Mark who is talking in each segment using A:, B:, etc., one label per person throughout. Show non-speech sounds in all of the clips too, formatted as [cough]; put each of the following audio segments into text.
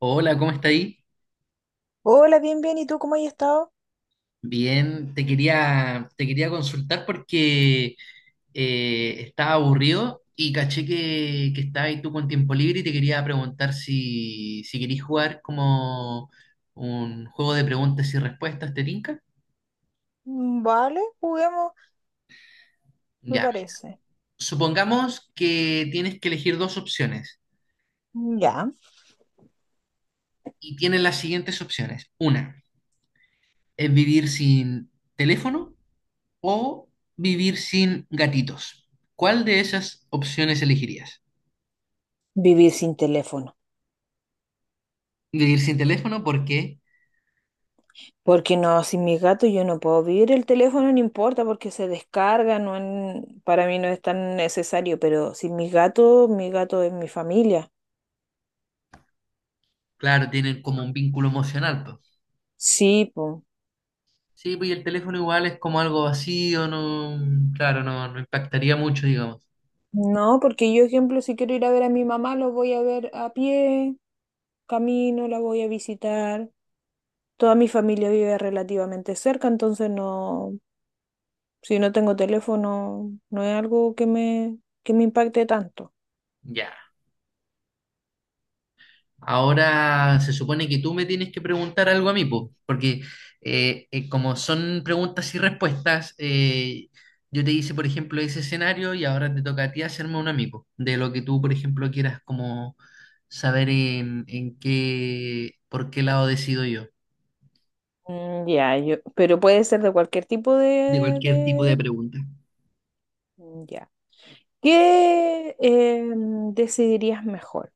A: Hola, ¿cómo está ahí?
B: Hola, bien, bien. ¿Y tú cómo has estado?
A: Bien, te quería consultar porque estaba aburrido y caché que estabas ahí tú con tiempo libre y te quería preguntar si querís jugar como un juego de preguntas y respuestas, ¿te tinca?
B: Vale, juguemos, me
A: Ya, mira.
B: parece.
A: Supongamos que tienes que elegir dos opciones
B: Ya.
A: y tienes las siguientes opciones. Una es vivir sin teléfono o vivir sin gatitos. ¿Cuál de esas opciones elegirías?
B: Vivir sin teléfono.
A: Vivir sin teléfono porque,
B: Porque no, sin mi gato yo no puedo vivir. El teléfono no importa porque se descarga, no para mí no es tan necesario, pero sin mi gato, mi gato es mi familia.
A: claro, tienen como un vínculo emocional, pues.
B: Sí, po.
A: Sí, pues y el teléfono igual es como algo vacío, no, claro, no impactaría mucho, digamos.
B: No, porque yo, ejemplo, si quiero ir a ver a mi mamá, lo voy a ver a pie, camino, la voy a visitar. Toda mi familia vive relativamente cerca, entonces no. Si no tengo teléfono, no es algo que que me impacte tanto.
A: Ya. Ahora se supone que tú me tienes que preguntar algo a mí, pues, porque como son preguntas y respuestas, yo te hice, por ejemplo, ese escenario y ahora te toca a ti hacerme un amigo de lo que tú, por ejemplo, quieras como saber en qué, por qué lado decido yo,
B: Ya, yo, pero puede ser de cualquier tipo
A: de
B: de,
A: cualquier tipo de
B: de-
A: pregunta.
B: Ya. ¿Qué decidirías mejor?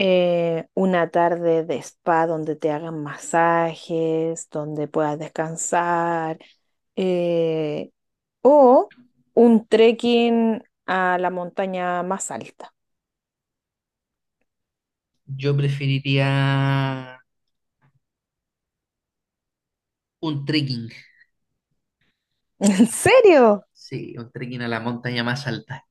B: Una tarde de spa donde te hagan masajes, donde puedas descansar, eh, o un trekking a la montaña más alta.
A: Yo preferiría un trekking,
B: [laughs] ¿En serio?
A: sí, un trekking a la montaña más alta.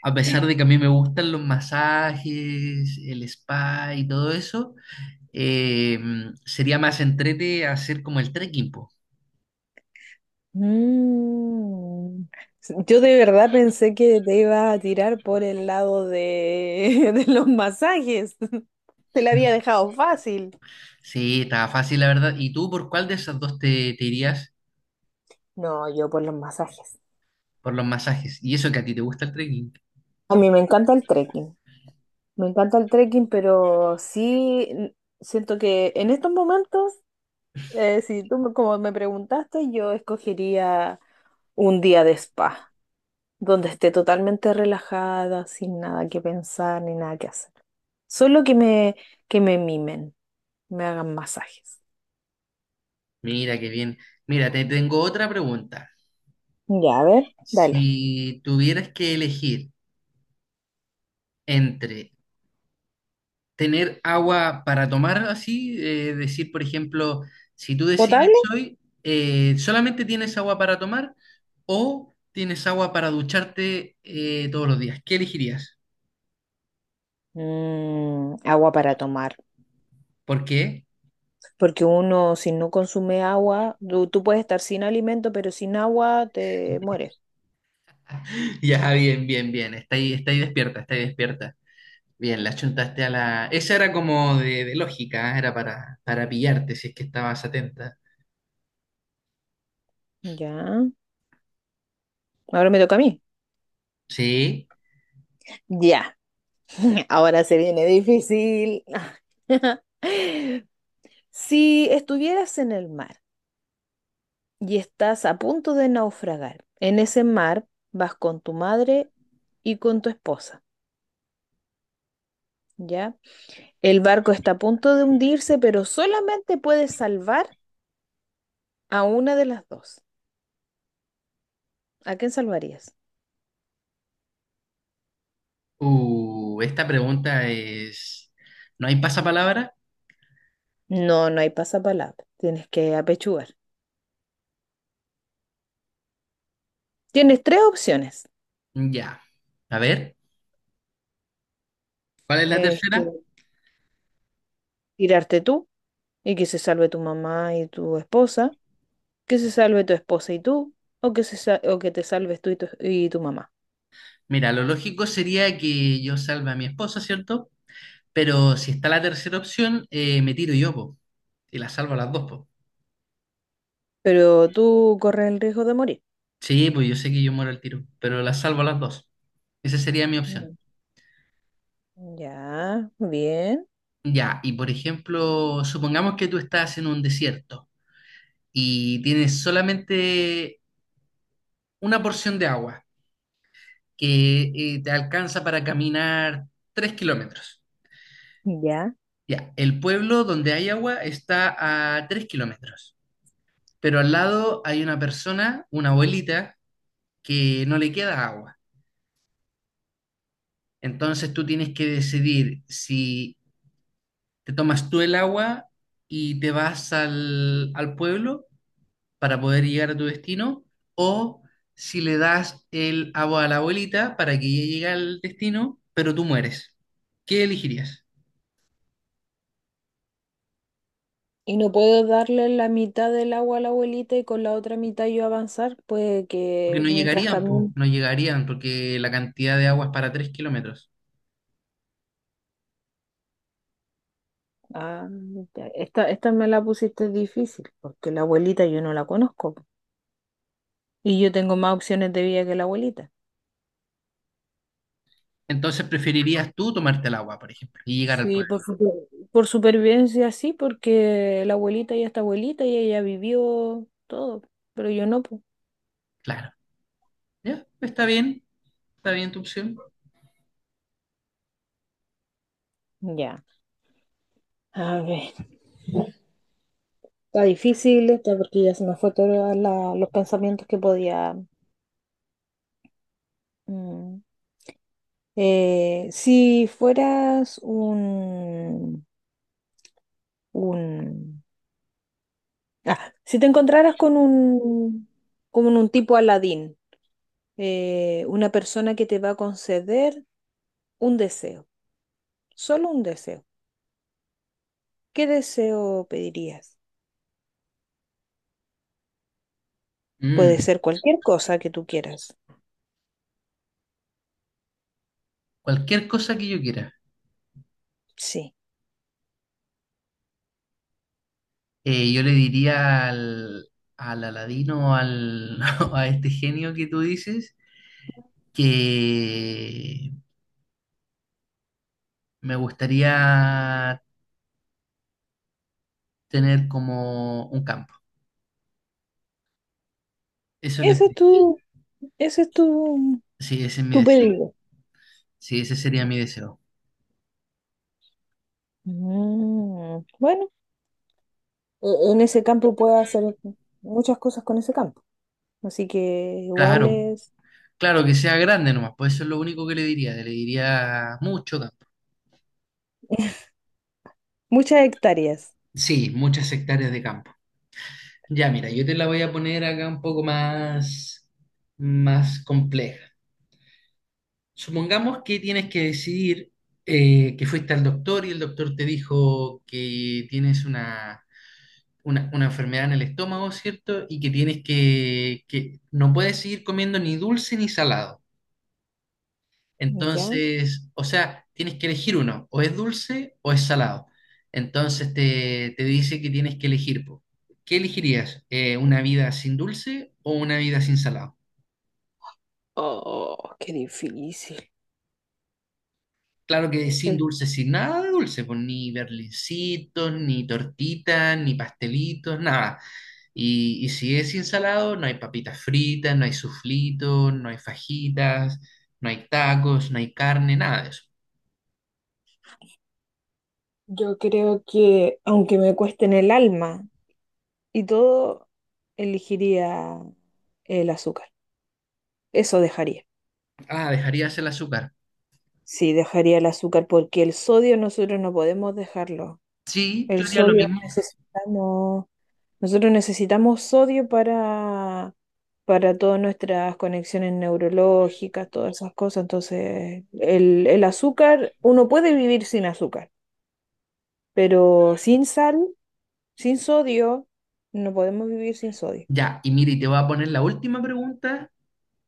A: A pesar de que a mí me gustan los masajes, el spa y todo eso, eh, sería más entrete hacer como el trekking, po.
B: Mm. Yo de verdad pensé que te iba a tirar por el lado de, [laughs] de los masajes. Te la había
A: Mm.
B: dejado fácil.
A: Sí, estaba fácil, la verdad. ¿Y tú por cuál de esas dos te irías
B: No, yo por los masajes.
A: por los masajes? Y eso que a ti te gusta el trekking.
B: A mí me encanta el trekking. Me encanta el trekking, pero sí. Siento que en estos momentos, si tú como me preguntaste, yo escogería un día de spa, donde esté totalmente relajada, sin nada que pensar ni nada que hacer. Solo que que me mimen, me hagan masajes.
A: Mira, qué bien. Mira, te tengo otra pregunta.
B: Ya, a ver, dale.
A: Si tuvieras que elegir entre tener agua para tomar así, decir, por ejemplo, si tú
B: ¿Potable?
A: decides hoy, solamente tienes agua para tomar o tienes agua para ducharte todos los días. ¿Qué elegirías?
B: Agua para tomar,
A: ¿Por qué?
B: porque uno si no consume agua, tú puedes estar sin alimento, pero sin agua te mueres.
A: [laughs] Ya, bien, bien, bien. Está ahí despierta, está ahí despierta. Bien, la chuntaste a la… Esa era como de lógica, ¿eh? Era para pillarte si es que estabas atenta.
B: Ya, ahora me toca a mí.
A: Sí.
B: Ya, [laughs] ahora se viene difícil. [laughs] Si estuvieras en el mar, y estás a punto de naufragar. En ese mar vas con tu madre y con tu esposa, ¿ya? El barco está a punto de hundirse, pero solamente puedes salvar a una de las dos. ¿A quién salvarías?
A: Esta pregunta es… ¿No hay pasapalabra?
B: No, no hay pasapalabra. Tienes que apechugar. Tienes tres opciones.
A: Ya. A ver. ¿Cuál es la
B: Es que
A: tercera?
B: tirarte tú y que se salve tu mamá y tu esposa, que se salve tu esposa y tú, o que, o que te salves tú y y tu mamá.
A: Mira, lo lógico sería que yo salve a mi esposa, ¿cierto? Pero si está la tercera opción, me tiro yo, po. Y la salvo a las dos, po.
B: Pero tú corres el riesgo de morir.
A: Sí, pues yo sé que yo muero al tiro, pero la salvo a las dos. Esa sería mi opción.
B: Mm. Ya, bien.
A: Ya, y por ejemplo, supongamos que tú estás en un desierto y tienes solamente una porción de agua que te alcanza para caminar 3 kilómetros.
B: Ya.
A: Ya, el pueblo donde hay agua está a 3 kilómetros, pero al lado hay una persona, una abuelita, que no le queda agua. Entonces tú tienes que decidir si te tomas tú el agua y te vas al pueblo para poder llegar a tu destino, o si le das el agua a la abuelita para que ella llegue al destino, pero tú mueres. ¿Qué elegirías?
B: ¿Y no puedo darle la mitad del agua a la abuelita y con la otra mitad yo avanzar, pues,
A: Porque
B: que
A: no
B: mientras
A: llegarían, po,
B: camino?
A: no llegarían, porque la cantidad de agua es para 3 kilómetros.
B: Ah, ya. Esta me la pusiste difícil, porque la abuelita yo no la conozco. Y yo tengo más opciones de vida que la abuelita.
A: Entonces preferirías tú tomarte el agua, por ejemplo, y llegar al
B: Sí,
A: pueblo.
B: por supervivencia sí, porque la abuelita ya está abuelita y ella vivió todo, pero yo no, pues.
A: Claro. Ya, está bien tu opción.
B: Ya. A ver. Está difícil, está porque ya se me fue todos los pensamientos que podía. mm. Si fueras un, ah, si te encontraras con con un tipo Aladín, una persona que te va a conceder un deseo, solo un deseo, ¿qué deseo pedirías? Puede
A: Mm,
B: ser cualquier cosa que tú quieras.
A: cualquier cosa que yo quiera.
B: Sí.
A: Yo le diría al Aladino o al, [laughs] o a este genio que tú dices que me gustaría tener como un campo. Eso le
B: Ese es
A: pediría.
B: tu, ese es tu
A: Sí, ese es mi
B: tu
A: deseo.
B: pedido.
A: Sí, ese sería mi deseo.
B: Bueno. En ese campo puedes hacer muchas cosas con ese campo. Así que igual
A: Claro,
B: es
A: claro que sea grande nomás, pues eso es lo único que le diría. Le diría mucho campo.
B: muchas hectáreas,
A: Sí, muchas hectáreas de campo. Ya, mira, yo te la voy a poner acá un poco más, más compleja. Supongamos que tienes que decidir que fuiste al doctor y el doctor te dijo que tienes una enfermedad en el estómago, ¿cierto? Y que tienes que no puedes seguir comiendo ni dulce ni salado.
B: ¿ya?
A: Entonces, o sea, tienes que elegir uno, o es dulce o es salado. Entonces te dice que tienes que elegir, po. ¿Qué elegirías? ¿Una vida sin dulce o una vida sin salado?
B: Oh, qué difícil.
A: Claro que sin
B: Sí.
A: dulce, sin nada de dulce, pues ni berlincitos, ni tortitas, ni pastelitos, nada. Y si es sin salado, no hay papitas fritas, no hay suflitos, no hay fajitas, no hay tacos, no hay carne, nada de eso.
B: Yo creo que, aunque me cueste en el alma y todo, elegiría el azúcar. Eso dejaría.
A: Ah, dejarías el azúcar.
B: Sí, dejaría el azúcar porque el sodio nosotros no podemos dejarlo.
A: Sí, yo
B: El
A: haría lo
B: sodio
A: mismo.
B: necesitamos Nosotros necesitamos sodio para todas nuestras conexiones neurológicas, todas esas cosas. Entonces, el azúcar, uno puede vivir sin azúcar, pero sin sal, sin sodio, no podemos vivir sin sodio.
A: Ya, y mire, te voy a poner la última pregunta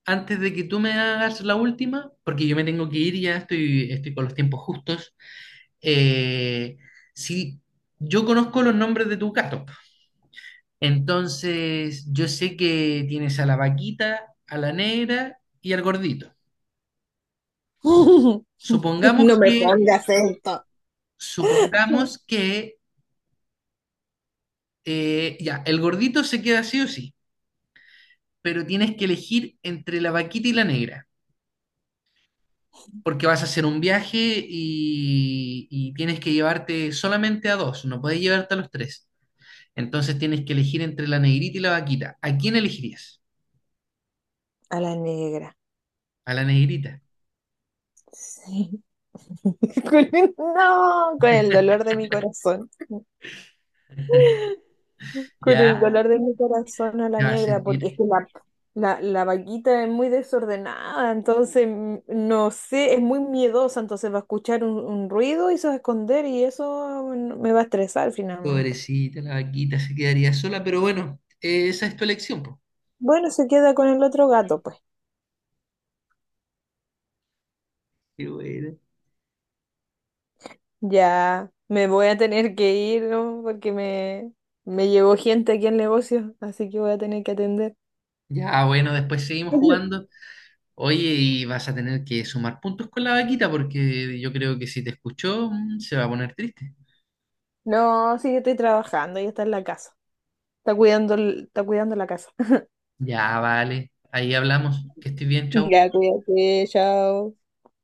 A: antes de que tú me hagas la última, porque yo me tengo que ir, ya estoy, estoy con los tiempos justos. Eh, si yo conozco los nombres de tus gatos, entonces yo sé que tienes a la vaquita, a la negra y al gordito.
B: [laughs]
A: Supongamos
B: No me
A: que,
B: pongas esto.
A: supongamos que, ya, el gordito se queda sí o sí, pero tienes que elegir entre la vaquita y la negra, porque vas a hacer un viaje y tienes que llevarte solamente a dos, no puedes llevarte a los tres. Entonces tienes que elegir entre la negrita y la vaquita. ¿A quién elegirías?
B: A la negra.
A: A la negrita.
B: Sí. [laughs] No, con el dolor de mi corazón.
A: [laughs]
B: Con el
A: Ya,
B: dolor de mi corazón a
A: te
B: la
A: vas a
B: negra, porque
A: sentir
B: es que la vaquita es muy desordenada, entonces no sé, es muy miedosa, entonces va a escuchar un ruido y se va a esconder y eso me va a estresar finalmente.
A: pobrecita, la vaquita se quedaría sola, pero bueno, esa es tu elección, po.
B: Bueno, se queda con el otro gato, pues.
A: Qué bueno.
B: Ya me voy a tener que ir, ¿no? Porque me llegó gente aquí al negocio, así que voy a tener que atender.
A: Ya, bueno, después seguimos
B: [laughs]
A: jugando. Oye, y vas a tener que sumar puntos con la vaquita porque yo creo que si te escuchó, mm, se va a poner triste.
B: No, sí, yo estoy trabajando, ella está en la casa. Está cuidando, está cuidando la casa. [laughs]
A: Ya, vale. Ahí hablamos. Que estés bien, chau.
B: Ya, cuídate, chao.